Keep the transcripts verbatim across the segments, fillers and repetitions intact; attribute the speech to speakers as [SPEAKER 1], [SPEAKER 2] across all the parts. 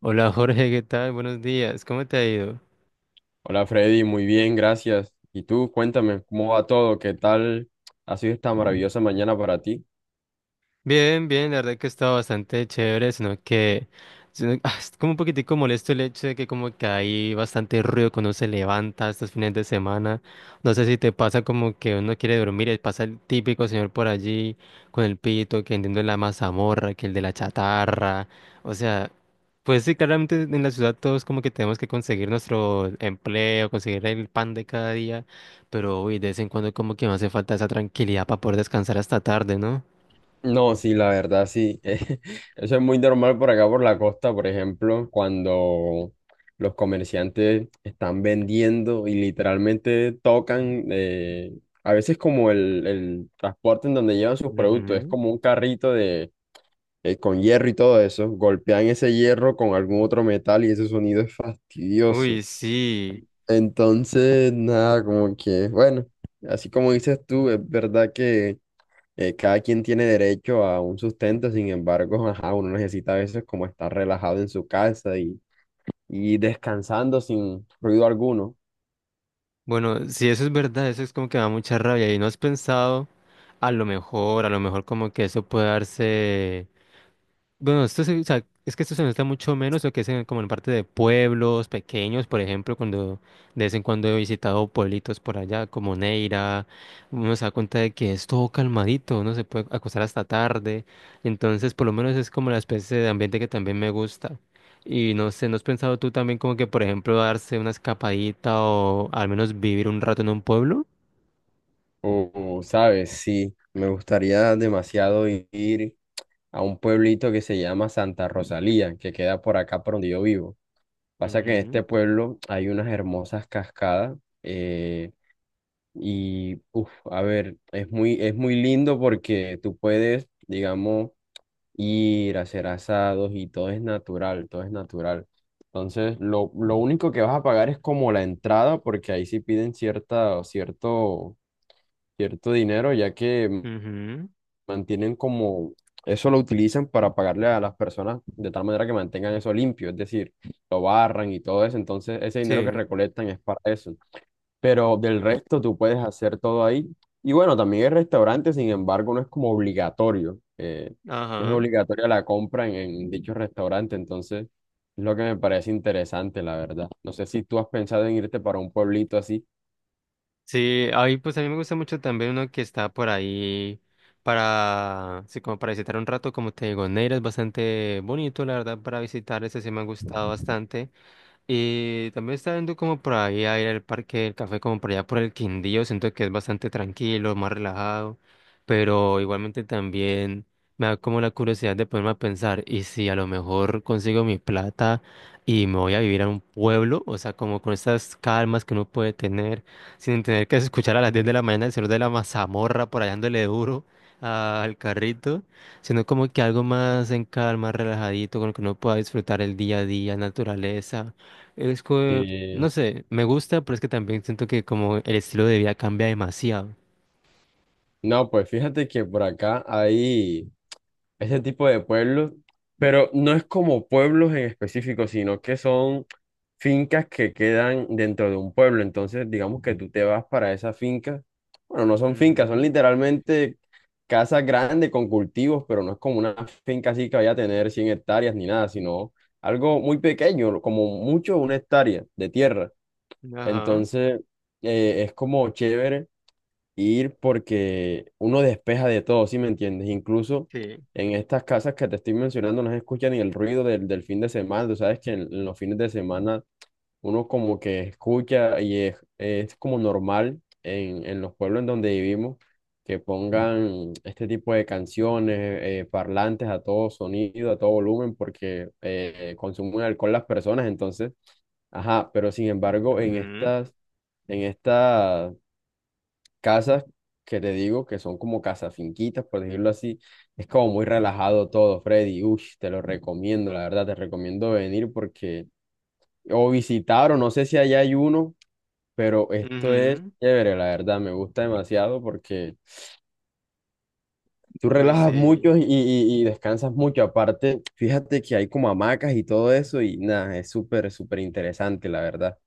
[SPEAKER 1] Hola Jorge, ¿qué tal? Buenos días, ¿cómo te ha ido?
[SPEAKER 2] Hola Freddy, muy bien, gracias. ¿Y tú? Cuéntame, ¿cómo va todo? ¿Qué tal ha sido esta maravillosa mañana para ti?
[SPEAKER 1] Bien, bien, la verdad que está bastante chévere, sino que sino- ah, es como un poquitico molesto el hecho de que como que hay bastante ruido cuando uno se levanta estos fines de semana. No sé si te pasa como que uno quiere dormir y pasa el típico señor por allí con el pito, que entiendo la mazamorra, que el de la chatarra. O sea, pues sí, claramente en la ciudad todos como que tenemos que conseguir nuestro empleo, conseguir el pan de cada día, pero uy, de vez en cuando como que me hace falta esa tranquilidad para poder descansar hasta tarde, ¿no?
[SPEAKER 2] No, sí, la verdad, sí. Eh, Eso es muy normal por acá, por la costa, por ejemplo, cuando los comerciantes están vendiendo y literalmente tocan, eh, a veces como el, el transporte en donde llevan sus productos, es
[SPEAKER 1] Ujú.
[SPEAKER 2] como un carrito de, eh, con hierro y todo eso, golpean ese hierro con algún otro metal y ese sonido es fastidioso.
[SPEAKER 1] Uy, sí.
[SPEAKER 2] Entonces, nada, como que, bueno, así como dices tú, es verdad que eh, cada quien tiene derecho a un sustento, sin embargo, ajá, uno necesita a veces como estar relajado en su casa y, y descansando sin ruido alguno.
[SPEAKER 1] Bueno, si eso es verdad, eso es como que me da mucha rabia. ¿Y no has pensado, a lo mejor, a lo mejor como que eso puede darse...? Bueno, esto se- o sea, es que esto se nota mucho menos lo que es en- como en parte de pueblos pequeños, por ejemplo, cuando de vez en cuando he visitado pueblitos por allá, como Neira, uno se da cuenta de que es todo calmadito, uno se puede acostar hasta tarde, entonces por lo menos es como la especie de ambiente que también me gusta. Y no sé, ¿no has pensado tú también como que, por ejemplo, darse una escapadita o al menos vivir un rato en un pueblo?
[SPEAKER 2] O, o, ¿sabes? Sí, me gustaría demasiado ir a un pueblito que se llama Santa Rosalía, que queda por acá por donde yo vivo. Pasa que en este
[SPEAKER 1] Ujú,
[SPEAKER 2] pueblo hay unas hermosas cascadas. eh, Y, uff, a ver, es muy, es muy lindo porque tú puedes, digamos, ir a hacer asados y todo es natural, todo es natural. Entonces, lo, lo único que vas a pagar es como la entrada, porque ahí sí piden cierta, cierto, cierto dinero, ya que
[SPEAKER 1] ujú,
[SPEAKER 2] mantienen como, eso lo utilizan para pagarle a las personas de tal manera que mantengan eso limpio, es decir, lo barran y todo eso. Entonces, ese dinero que
[SPEAKER 1] sí.
[SPEAKER 2] recolectan es para eso, pero del resto tú puedes hacer todo ahí. Y bueno, también el restaurante, sin embargo, no es como obligatorio. Eh, es
[SPEAKER 1] Ajá.
[SPEAKER 2] obligatoria la compra en, en dicho restaurante, entonces es lo que me parece interesante, la verdad. No sé si tú has pensado en irte para un pueblito así.
[SPEAKER 1] Sí, ahí pues a mí me gusta mucho también uno que está por ahí para, sí, como para visitar un rato, como te digo, Neira es bastante bonito, la verdad, para visitar, ese sí me ha gustado bastante. Y también está viendo como por ahí a ir al parque del café, como por allá por el Quindío, siento que es bastante tranquilo, más relajado, pero igualmente también me da como la curiosidad de ponerme a pensar, y si a lo mejor consigo mi plata y me voy a vivir a un pueblo, o sea, como con estas calmas que uno puede tener, sin tener que escuchar a las diez de la mañana el señor de la mazamorra por allá dándole duro al carrito sino como que algo más en calma, relajadito, con lo que uno pueda disfrutar el día a día, naturaleza. Es que, no
[SPEAKER 2] Sí.
[SPEAKER 1] sé, me gusta, pero es que también siento que como el estilo de vida cambia demasiado.
[SPEAKER 2] No, pues fíjate que por acá hay ese tipo de pueblos, pero no es como pueblos en específico, sino que son fincas que quedan dentro de un pueblo. Entonces, digamos que tú te vas para esa finca. Bueno, no son fincas, son literalmente casas grandes con cultivos, pero no es como una finca así que vaya a tener cien hectáreas ni nada, sino algo muy pequeño, como mucho una hectárea de tierra.
[SPEAKER 1] Ujú, ajá,
[SPEAKER 2] Entonces, eh, es como chévere ir porque uno despeja de todo, ¿sí me entiendes? Incluso
[SPEAKER 1] sí.
[SPEAKER 2] en estas casas que te estoy mencionando no se escucha ni el ruido del, del fin de semana. Tú sabes que en en los fines de semana uno como que escucha y es, es como normal en, en los pueblos en donde vivimos que pongan este tipo de canciones, eh, parlantes a todo sonido, a todo volumen, porque eh, consumen alcohol las personas, entonces, ajá, pero sin embargo, en
[SPEAKER 1] Ujú,
[SPEAKER 2] estas, en estas casas que te digo, que son como casas finquitas, por decirlo así, es como muy relajado todo, Freddy, uy, te lo recomiendo, la verdad, te recomiendo venir porque... O visitar, o no sé si allá hay uno, pero esto es
[SPEAKER 1] ujú.
[SPEAKER 2] chévere, la verdad, me gusta demasiado porque tú
[SPEAKER 1] Uy,
[SPEAKER 2] relajas
[SPEAKER 1] sí.
[SPEAKER 2] mucho y, y- y descansas mucho. Aparte, fíjate que hay como hamacas y todo eso y nada, es súper, súper interesante, la verdad.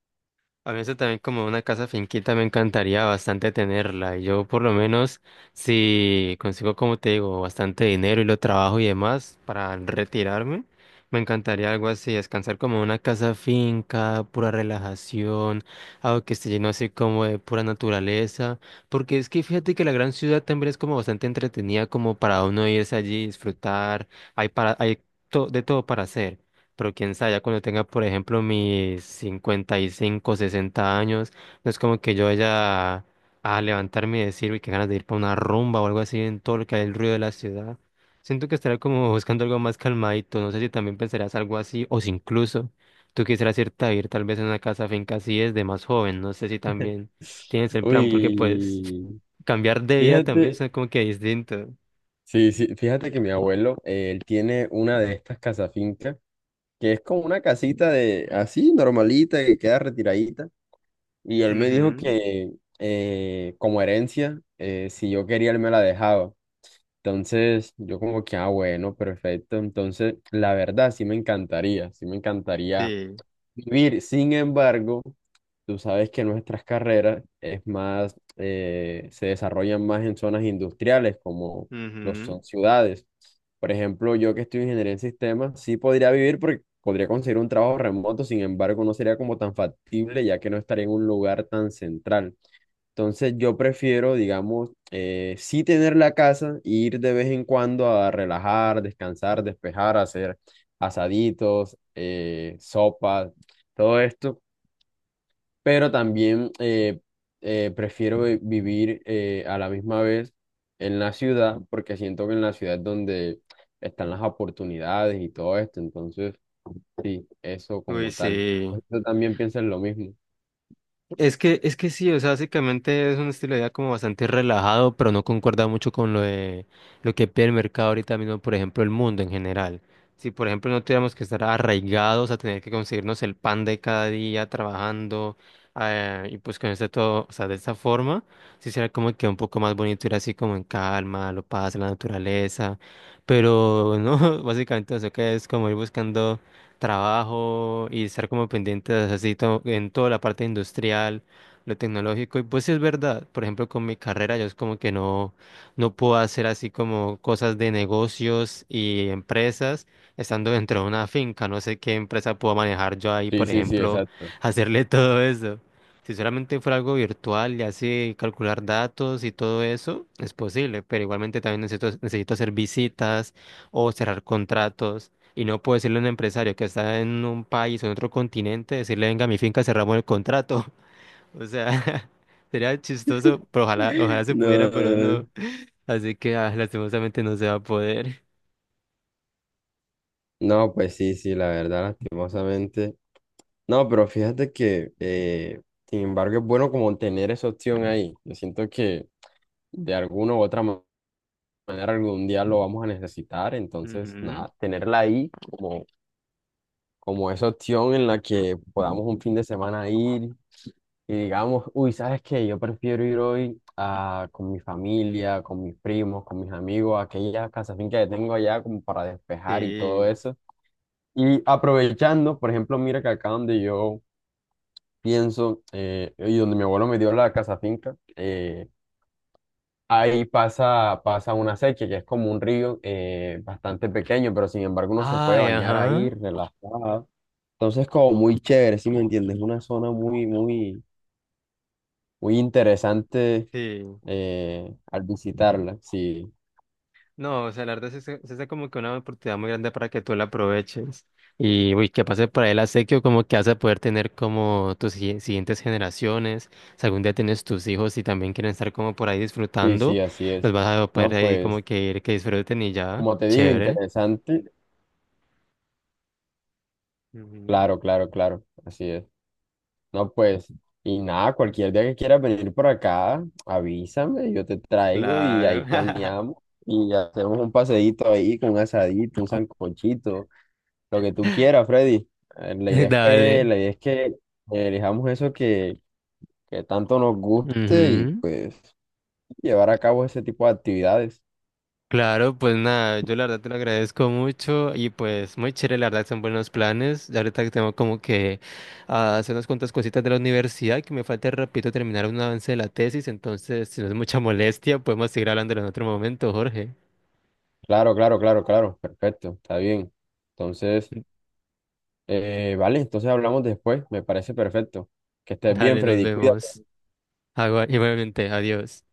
[SPEAKER 1] A mí eso también como una casa finquita me encantaría bastante tenerla. Y yo por lo menos si consigo, como te digo, bastante dinero y lo trabajo y demás para retirarme, me encantaría algo así, descansar como en una casa finca, pura relajación, algo que esté lleno así como de pura naturaleza. Porque es que fíjate que la gran ciudad también es como bastante entretenida como para uno irse allí, disfrutar, hay para, hay to- de todo para hacer. Pero quién sabe, ya cuando tenga, por ejemplo, mis cincuenta y cinco, sesenta años, no es como que yo vaya a levantarme y decir, uy, qué ganas de ir para una rumba o algo así en todo lo que hay el ruido de la ciudad. Siento que estaré como buscando algo más calmadito. No sé si también pensarás algo así o si incluso tú quisieras irte a ir tal vez en una casa finca así desde más joven. No sé si también tienes el plan porque pues
[SPEAKER 2] Uy,
[SPEAKER 1] cambiar de vida también
[SPEAKER 2] fíjate,
[SPEAKER 1] es como que distinto.
[SPEAKER 2] sí, sí, fíjate que mi abuelo, eh, él tiene una de estas finca que es como una casita de así, normalita, que queda retiradita. Y él me dijo
[SPEAKER 1] Ujú,
[SPEAKER 2] que eh, como herencia, eh, si yo quería, él me la dejaba. Entonces, yo como que, ah, bueno, perfecto. Entonces, la verdad, sí me encantaría, sí me encantaría
[SPEAKER 1] sí.
[SPEAKER 2] vivir. Sin embargo, tú sabes que nuestras carreras es más, eh, se desarrollan más en zonas industriales, como lo
[SPEAKER 1] Ujú.
[SPEAKER 2] son ciudades. Por ejemplo, yo que estoy en ingeniería en sistemas, sí podría vivir porque podría conseguir un trabajo remoto, sin embargo, no sería como tan factible, ya que no estaría en un lugar tan central. Entonces yo prefiero, digamos, eh, sí tener la casa e ir de vez en cuando a relajar, descansar, despejar, hacer asaditos, eh, sopas, todo esto, pero también eh, eh, prefiero vi- vivir eh, a la misma vez en la ciudad, porque siento que en la ciudad es donde están las oportunidades y todo esto, entonces sí, eso
[SPEAKER 1] Uy,
[SPEAKER 2] como tal.
[SPEAKER 1] sí.
[SPEAKER 2] ¿Tú también piensas lo mismo?
[SPEAKER 1] Es que, es que sí, o sea, básicamente es un estilo de vida como bastante relajado, pero no concuerda mucho con lo de lo que pide el mercado ahorita mismo, por ejemplo, el mundo en general. Si, por ejemplo, no tuviéramos que estar arraigados a tener que conseguirnos el pan de cada día trabajando, eh, y pues con este todo, o sea, de esta forma, sí sería como que un poco más bonito ir así como en calma, lo paz, la naturaleza, pero no, básicamente eso que es como ir buscando trabajo y estar como pendientes así to- en toda la parte industrial, lo tecnológico. Y pues sí es verdad, por ejemplo, con mi carrera yo es como que no, no puedo hacer así como cosas de negocios y empresas estando dentro de una finca. No sé qué empresa puedo manejar yo ahí,
[SPEAKER 2] Sí,
[SPEAKER 1] por
[SPEAKER 2] sí, sí,
[SPEAKER 1] ejemplo,
[SPEAKER 2] exacto.
[SPEAKER 1] hacerle todo eso. Si solamente fuera algo virtual y así calcular datos y todo eso, es posible, pero igualmente también necesito, necesito hacer visitas o cerrar contratos. Y no puedo decirle a un empresario que está en un país o en otro continente, decirle, venga, mi finca, cerramos el contrato. O sea, sería chistoso, pero ojalá, ojalá se pudiera, pero
[SPEAKER 2] No.
[SPEAKER 1] no. Así que ah, lastimosamente no se va a poder.
[SPEAKER 2] No, pues sí, sí, la verdad, lastimosamente. No, pero fíjate que, eh, sin embargo, es bueno como tener esa opción ahí. Yo siento que de alguna u otra ma- manera algún día lo vamos a necesitar, entonces,
[SPEAKER 1] Ujú,
[SPEAKER 2] nada, tenerla ahí como, como esa opción en la que podamos un fin de semana ir y digamos, uy, ¿sabes qué? Yo prefiero ir hoy a, con mi familia, con mis primos, con mis amigos, a aquella casa finca que tengo allá como para despejar y todo
[SPEAKER 1] sí.
[SPEAKER 2] eso. Y aprovechando, por ejemplo, mira que acá donde yo pienso eh, y donde mi abuelo me dio la casa finca, eh, ahí pasa, pasa una sequía que es como un río eh, bastante pequeño, pero sin embargo uno se puede
[SPEAKER 1] Ay,
[SPEAKER 2] bañar
[SPEAKER 1] ajá.
[SPEAKER 2] ahí relajado. Entonces, como muy chévere, ¿si me entiendes? Una zona muy, muy, muy interesante
[SPEAKER 1] Sí.
[SPEAKER 2] eh, al visitarla. Sí,
[SPEAKER 1] No, o sea, la verdad es que es como que una oportunidad muy grande para que tú la aproveches. Y uy, que pase por ahí el acequio, como que vas a poder tener como tus si- siguientes generaciones. Si algún día tienes tus hijos y también quieren estar como por ahí
[SPEAKER 2] sí,
[SPEAKER 1] disfrutando,
[SPEAKER 2] sí, así
[SPEAKER 1] los
[SPEAKER 2] es.
[SPEAKER 1] vas a poder
[SPEAKER 2] No,
[SPEAKER 1] ahí como
[SPEAKER 2] pues,
[SPEAKER 1] que ir que disfruten y ya.
[SPEAKER 2] como te digo,
[SPEAKER 1] Chévere.
[SPEAKER 2] interesante.
[SPEAKER 1] Ujú.
[SPEAKER 2] Claro, claro, claro, así es. No, pues, y nada, cualquier día que quieras venir por acá, avísame, yo te traigo y ahí
[SPEAKER 1] Claro.
[SPEAKER 2] planeamos y hacemos un paseíto ahí con un asadito, un sancochito, lo que tú quieras, Freddy. Eh, La idea es que,
[SPEAKER 1] Dale.
[SPEAKER 2] la idea es que elijamos eso que, que tanto nos guste y
[SPEAKER 1] Ujú.
[SPEAKER 2] pues llevar a cabo ese tipo de actividades.
[SPEAKER 1] Claro, pues nada, yo la verdad te lo agradezco mucho y pues muy chévere, la verdad son buenos planes. Ya ahorita que tengo como que ah, hacer unas cuantas cositas de la universidad que me falta, repito, terminar un avance de la tesis, entonces si no es mucha molestia, podemos seguir hablándolo en otro momento, Jorge.
[SPEAKER 2] Claro, claro, claro, claro, perfecto, está bien. Entonces, eh, vale, entonces hablamos después, me parece perfecto. Que estés bien,
[SPEAKER 1] Dale, nos
[SPEAKER 2] Freddy, cuídate.
[SPEAKER 1] vemos. Agua, igualmente, adiós.